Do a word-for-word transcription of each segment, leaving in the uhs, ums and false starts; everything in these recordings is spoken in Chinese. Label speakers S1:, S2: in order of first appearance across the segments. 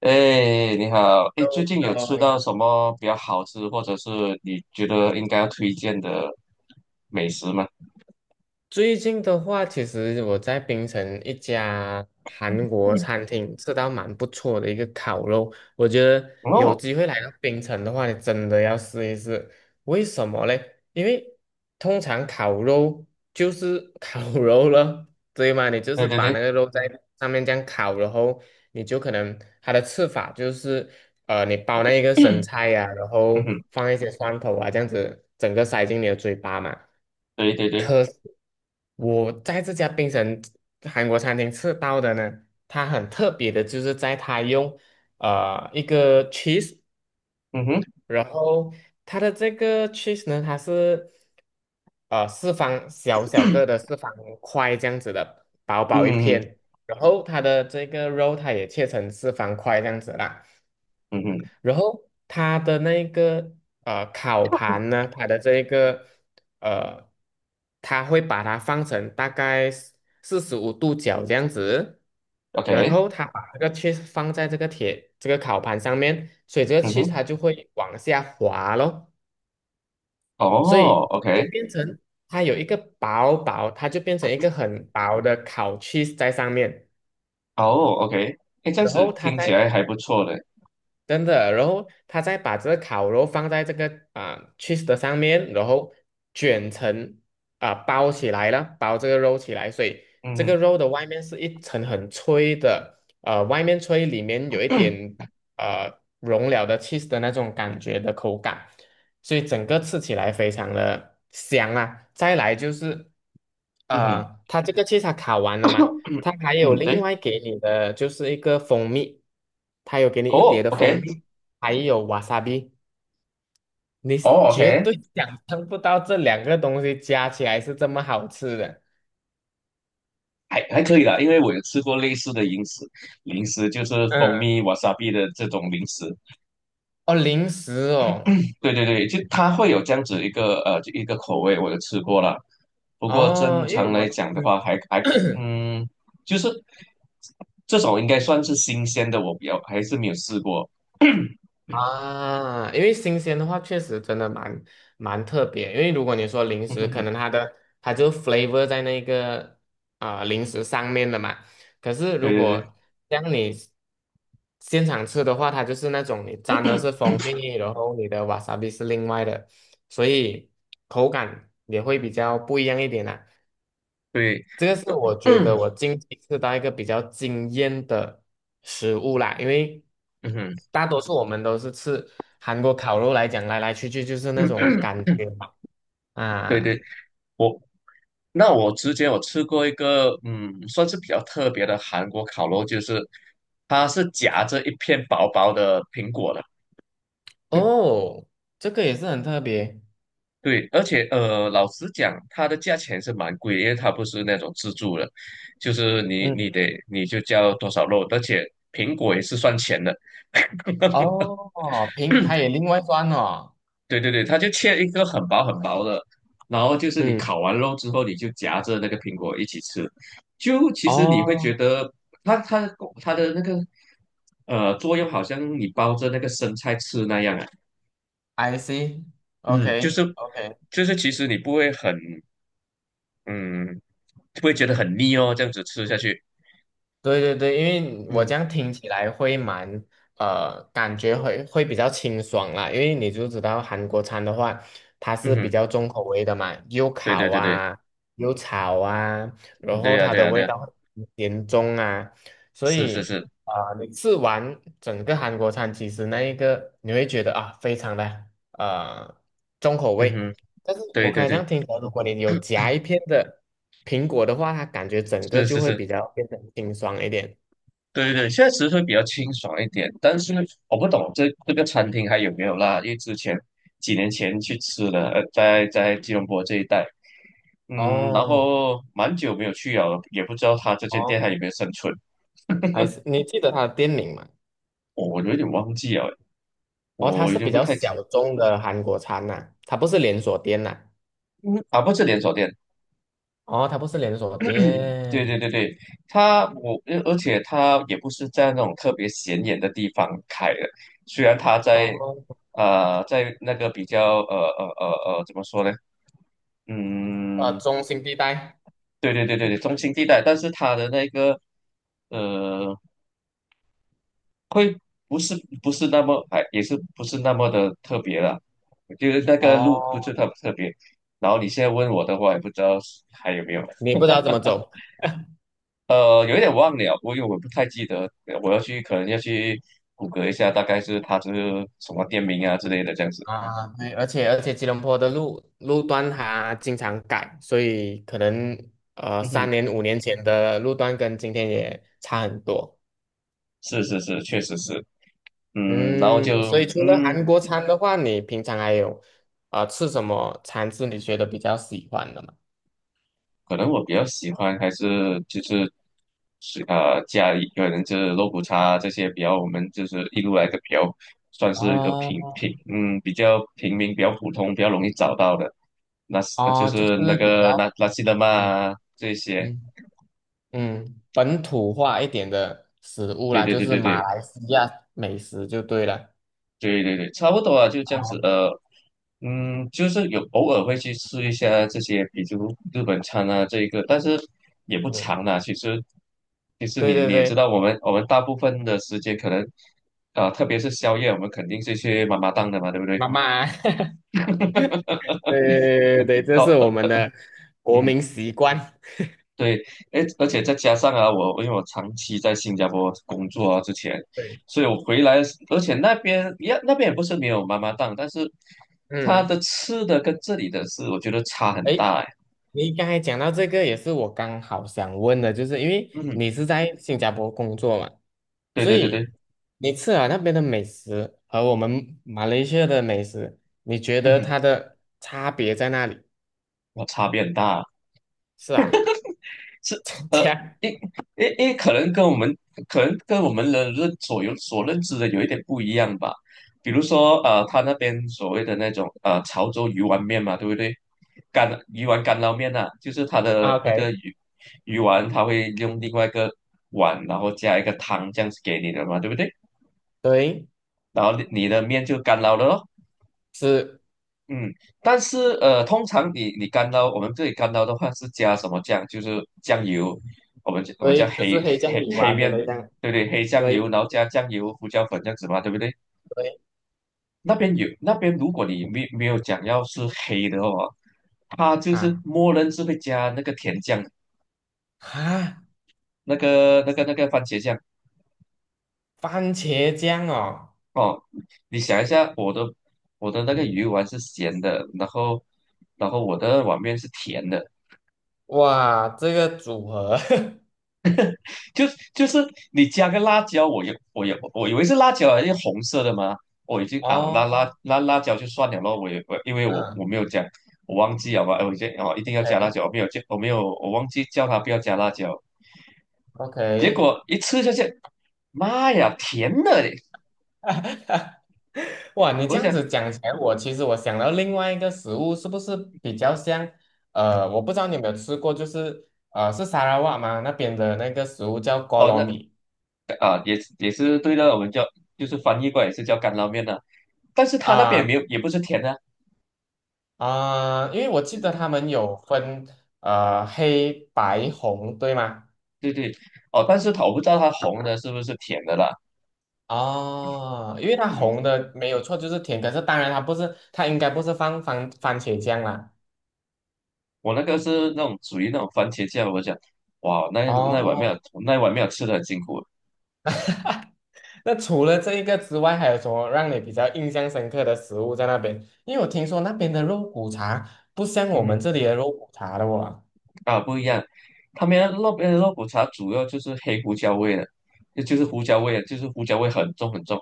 S1: 哎，你好！哎，最近有
S2: Hello，
S1: 吃
S2: 你
S1: 到什
S2: 好。
S1: 么比较好吃，或者是你觉得应该要推荐的美食吗？
S2: 最近的话，其实我在槟城一家韩国餐厅吃到蛮不错的一个烤肉，我觉得有
S1: 哦。
S2: 机会来到槟城的话，你真的要试一试。为什么嘞？因为通常烤肉就是烤 肉了，对吗？你就
S1: 对
S2: 是
S1: 对
S2: 把那
S1: 对。
S2: 个肉在上面这样烤，然后你就可能它的吃法就是呃，你包那一个生菜呀、然
S1: 嗯
S2: 后
S1: 哼。
S2: 放一些蒜头啊，这样子整个塞进你的嘴巴嘛。
S1: 对对对。
S2: 可是我在这家槟城韩国餐厅吃到的呢，它很特别的，就是在它用呃一个 cheese，
S1: 嗯哼。
S2: 然后它的这个 cheese 呢，它是呃四方小小个的四方块这样子的，薄薄一
S1: 嗯哼。
S2: 片，然后它的这个肉它也切成四方块这样子啦。
S1: 嗯哼
S2: 然后它的那个呃烤盘呢，它的这一个呃，它会把它放成大概四十五度角这样子，然
S1: ，OK。
S2: 后它把这个 cheese 放在这个铁这个烤盘上面，所以这个
S1: 嗯
S2: cheese
S1: 哼。
S2: 它就会往下滑咯，所
S1: 哦
S2: 以就
S1: ，OK。
S2: 变成它有一个薄薄，它就变成一个很薄的烤 cheese 在上面，
S1: 哦，OK。哎，这样
S2: 然
S1: 子
S2: 后它
S1: 听起
S2: 在
S1: 来还不错的。
S2: 真的，然后他再把这个烤肉放在这个啊 cheese 的上面，然后卷成啊、包起来了，包这个肉起来，所以
S1: 嗯
S2: 这
S1: 哼。
S2: 个肉的外面是一层很脆的，呃，外面脆，里面有一点呃融了的 cheese 的那种感觉的口感，所以整个吃起来非常的香啊。再来就是，
S1: 嗯哼。
S2: 呃，它这个 cheese 它烤完了吗？他还有
S1: 嗯，
S2: 另
S1: 对。
S2: 外给你的就是一个蜂蜜，他有给你一碟
S1: 哦
S2: 的蜂
S1: ，OK。
S2: 蜜，还有瓦萨比，你
S1: 哦
S2: 绝
S1: ，OK。
S2: 对想象不到这两个东西加起来是这么好吃的。
S1: 还还可以啦，因为我有吃过类似的零食，零食就是蜂
S2: 嗯，
S1: 蜜 wasabi 的这种零食。
S2: 哦，零食哦，
S1: 对对对，就它会有这样子一个呃一个口味，我就吃过了。不过正
S2: 哦，因为
S1: 常
S2: 我。
S1: 来讲的话
S2: 嗯。
S1: 还，还嗯，就是这种应该算是新鲜的，我比较还是没有试过。
S2: 啊，因为新鲜的话，确实真的蛮蛮特别。因为如果你说 零
S1: 嗯
S2: 食，
S1: 哼
S2: 可
S1: 哼。
S2: 能它的它就 flavor 在那个啊、呃零食上面的嘛。可是如
S1: 对对
S2: 果像你现场吃的话，它就是那种你沾的是蜂蜜，然后你的 wasabi 是另外的，所以口感也会比较不一样一点啦、
S1: 对对。
S2: 这个是我 觉得
S1: 嗯。
S2: 我近期吃到一个比较惊艳的食物啦，因为大多数我们都是吃韩国烤肉来讲，来来去去就是那
S1: 嗯
S2: 种
S1: 哼。
S2: 感觉嘛。
S1: 对
S2: 啊，
S1: 对。我那我之前我吃过一个，嗯，算是比较特别的韩国烤肉，就是它是夹着一片薄薄的苹果的。
S2: 哦，这个也是很特别，
S1: 对，而且呃，老实讲，它的价钱是蛮贵的，因为它不是那种自助的，就是你你
S2: 嗯，
S1: 得你就交多少肉，而且苹果也是算钱的。
S2: 哦，平，它也另外算哦，
S1: 对对对，它就切一个很薄很薄的，然后就是你
S2: 嗯，
S1: 烤完肉之后，你就夹着那个苹果一起吃，就其实你会觉
S2: 哦
S1: 得它它的它的那个呃作用好像你包着那个生菜吃那样啊。
S2: ，I
S1: 嗯，就是
S2: see，OK，OK。
S1: 就是其实你不会很嗯不会觉得很腻哦，这样子吃下去。
S2: 对对对，因为我
S1: 嗯。
S2: 这样听起来会蛮呃，感觉会会比较清爽啦。因为你就知道韩国餐的话，它
S1: 嗯
S2: 是比
S1: 哼。
S2: 较重口味的嘛，又
S1: 对对
S2: 烤
S1: 对对。
S2: 啊，又炒啊，
S1: 嗯，
S2: 然
S1: 对
S2: 后
S1: 呀、
S2: 它
S1: 对
S2: 的
S1: 呀、对
S2: 味
S1: 呀。
S2: 道很严重啊，所
S1: 是是
S2: 以
S1: 是。
S2: 啊，你吃完整个韩国餐，其实那一个你会觉得啊，非常的呃重口
S1: 嗯
S2: 味，
S1: 哼。
S2: 但是我
S1: 对
S2: 刚
S1: 对
S2: 才这
S1: 对。
S2: 样听起来，如果你有夹一片的苹果的话，它感觉整个
S1: 是
S2: 就
S1: 是
S2: 会
S1: 是。
S2: 比较变得清爽一点。
S1: 对对，现在其实会比较清爽一点。但是我不懂这这个餐厅还有没有啦，因为之前几年前去吃了，呃，在在吉隆坡这一带，嗯，然
S2: 哦
S1: 后蛮久没有去了，也不知道他这间店还有
S2: 哦，
S1: 没有生存。
S2: 还是你记得它的店名吗？
S1: 我我有点忘记了，
S2: 哦，它
S1: 我已
S2: 是
S1: 经
S2: 比
S1: 不
S2: 较
S1: 太。
S2: 小众的韩国餐呐、它不是连锁店呐、
S1: 嗯，啊，不是连锁店。
S2: 哦，它不是连锁
S1: 对
S2: 店。
S1: 对对对，它我呃而且它也不是在那种特别显眼的地方开的，虽然它在
S2: 哦，
S1: 呃在那个比较呃呃呃呃怎么说呢？
S2: 呃，
S1: 嗯，
S2: 中心地带。
S1: 对对对对对，中心地带，但是它的那个呃不是不是那么，哎，也是不是那么的特别了，就是那个路不是
S2: 哦，
S1: 特特别。然后你现在问我的话，也不知道还有没有。
S2: 你不知道怎么走。
S1: 呃，有一点忘了，我因为我不太记得，我要去可能要去谷歌一下，大概是它是什么店名啊之类的这样子。
S2: 啊，对，而且而且吉隆坡的路路段它经常改，所以可能呃
S1: 嗯
S2: 三
S1: 哼。
S2: 年五年前的路段跟今天也差很多。
S1: 是是是，确实是。嗯，然后
S2: 嗯，所
S1: 就
S2: 以除了
S1: 嗯，
S2: 韩国餐的话，你平常还有呃吃什么餐是你觉得比较喜欢的吗？
S1: 可能我比较喜欢还是就是是呃家里可能就是肉骨茶，这些比较我们就是一路来的，比较算是一个平
S2: 哦，
S1: 平嗯比较平民比较普通比较容易找到的，那是呃就
S2: 哦，就
S1: 是那
S2: 是比
S1: 个那
S2: 较
S1: 拉西德玛
S2: 嗯
S1: 啊这些。
S2: 嗯嗯本土化一点的食物
S1: 对
S2: 啦，
S1: 对
S2: 就
S1: 对
S2: 是
S1: 对
S2: 马
S1: 对。
S2: 来西亚美食就对了。
S1: 对对对，差不多啊，就这样子。
S2: 啊，
S1: 呃，嗯。就是有偶尔会去吃一下这些，比如日本餐啊，这一个，但是也不
S2: 嗯，
S1: 长啦。其实，其实
S2: 对
S1: 你
S2: 对
S1: 你也知
S2: 对，
S1: 道，我们我们大部分的时间可能，啊，特别是宵夜，我们肯定是去妈妈档的嘛，对不对？
S2: 妈妈 对对对对对，这
S1: 哦。
S2: 是我
S1: 呃
S2: 们的国
S1: 嗯。
S2: 民习惯。
S1: 对。诶，而且再加上啊，我因为我长期在新加坡工作啊，之前，
S2: 对，
S1: 所以我回来，而且那边也那边也不是没有妈妈档，但是它
S2: 嗯，
S1: 的吃的跟这里的是，我觉得差很
S2: 诶，
S1: 大诶。
S2: 你刚才讲到这个，也是我刚好想问的，就是因为
S1: 嗯。
S2: 你是在新加坡工作嘛，
S1: 对
S2: 所
S1: 对对对。
S2: 以你吃了那边的美食和我们马来西亚的美食，你觉得
S1: 嗯，
S2: 它的差别在哪里？
S1: 我差别很大啊。
S2: 是啊，
S1: 是。 呃，
S2: 这样
S1: 因因因为可能跟我们可能跟我们人认所有所认知的有一点不一样吧。比如说呃，他那边所谓的那种呃潮州鱼丸面嘛，对不对？干鱼丸干捞面呐、啊，就是他的
S2: o
S1: 那个
S2: k
S1: 鱼鱼丸，它会用另外一个碗，然后加一个汤这样子给你的嘛，对不对？
S2: 对，
S1: 然后你的面就干捞了咯。
S2: 是，
S1: 嗯，但是呃，通常你你干捞，我们这里干捞的话是加什么酱？就是酱油，我们我们叫
S2: 对，就是
S1: 黑
S2: 黑酱
S1: 黑
S2: 油
S1: 黑
S2: 啊之
S1: 面，
S2: 类的，样，
S1: 对不对？黑酱
S2: 对
S1: 油，然后加酱油、胡椒粉，这样子嘛，对不对？
S2: 对，
S1: 那边有那边，如果你没没有讲要是黑的话，它就是
S2: 哈
S1: 默认是会加那个甜酱，
S2: 哈，
S1: 那个那个那个番茄酱
S2: 番茄酱哦。
S1: 哦。你想一下，我的我的那个鱼丸是咸的，然后然后我的碗面是甜的。
S2: 哇，这个组合
S1: 就就是你加个辣椒，我有我有我以为是辣椒，是红色的嘛，我已经啊，那辣
S2: 哦，
S1: 那辣椒就算了咯，我也我因为我
S2: 嗯
S1: 我没有讲，我忘记好吧。哎，我先哦一定要加
S2: ，OK
S1: 辣椒，我没有叫我没有，我忘记叫他不要加辣椒。
S2: OK，
S1: 结果一吃下去，妈呀，甜的嘞！
S2: 哇，你
S1: 我
S2: 这样
S1: 想。
S2: 子讲起来，我其实我想到另外一个食物，是不是比较像？呃，我不知道你有没有吃过，就是呃，是沙拉瓦吗？那边的那个食物叫 g
S1: 哦
S2: o
S1: 那。
S2: 米
S1: 啊，也也是对的，我们叫就是翻译过来也是叫干捞面的、但是他那边
S2: 啊
S1: 没有，也不是甜的啊。
S2: 啊，因为我记
S1: 对
S2: 得他
S1: 对
S2: 们有分呃黑白红，对吗？
S1: 对对。哦，但是他我不知道他红的是不是甜的啦。
S2: 哦，因为它
S1: 嗯，
S2: 红的没有错，就是甜，可是当然它不是，它应该不是放番番茄酱啦。
S1: 我那个是那种属于那种番茄酱，我想，哇，那那碗
S2: 哦
S1: 面那碗面吃的很辛苦。
S2: 那除了这一个之外，还有什么让你比较印象深刻的食物在那边？因为我听说那边的肉骨茶不像我们
S1: 嗯。
S2: 这里的肉骨茶的哇。
S1: 啊，不一样，他们那边的肉骨茶主要就是黑胡椒味的，就就是胡椒味的，就是胡椒味很重很重。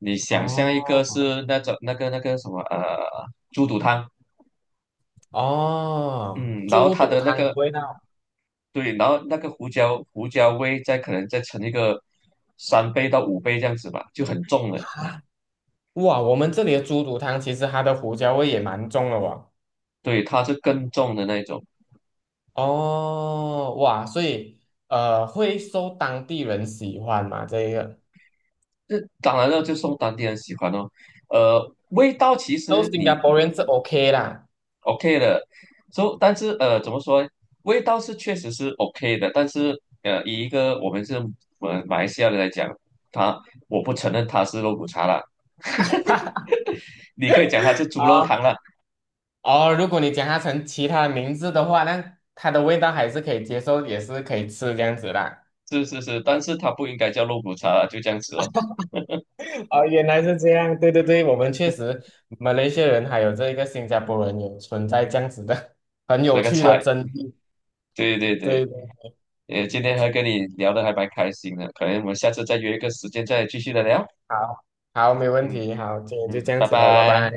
S1: 你想象一个
S2: 哦
S1: 是那种那个那个什么呃猪肚汤，
S2: 哦，
S1: 嗯，然后
S2: 猪
S1: 它
S2: 肚
S1: 的那
S2: 汤的
S1: 个，
S2: 味道
S1: 对，然后那个胡椒胡椒味再可能再乘一个三倍到五倍这样子吧，就很重了。
S2: 啊！哇，我们这里的猪肚汤其实它的胡椒味也蛮重的哇。
S1: 对，它是更重的那一种。
S2: 哦哇，所以呃会受当地人喜欢嘛？这一个，
S1: 这当然了，就送当地人喜欢哦。呃，味道其
S2: 都
S1: 实
S2: 新加
S1: 你
S2: 坡人是 OK 啦。
S1: OK 的，so， 但是呃，怎么说？味道是确实是 OK 的，但是呃，以一个我们是呃马来西亚人来讲，他我不承认它是肉骨茶啦，你可以讲它是猪肉
S2: 啊。
S1: 汤啦。
S2: 哦，如果你将它成其他的名字的话，那它的味道还是可以接受，也是可以吃这样子啦。
S1: 是是是，但是它不应该叫肉骨茶啦，就这样子哦。
S2: 哦，原来是这样，对对对，我们确实马来西亚人还有这个新加坡人有存在这样子的很有
S1: 那个
S2: 趣的
S1: 菜，
S2: 争议。
S1: 对对
S2: 对
S1: 对。
S2: 的，
S1: 呃，今天还跟你聊的还蛮开心的，可能我们下次再约一个时间再继续的聊。
S2: 好，好，没问
S1: 嗯。
S2: 题，好，今天就
S1: 嗯，
S2: 这样
S1: 拜
S2: 子喽，拜拜。
S1: 拜。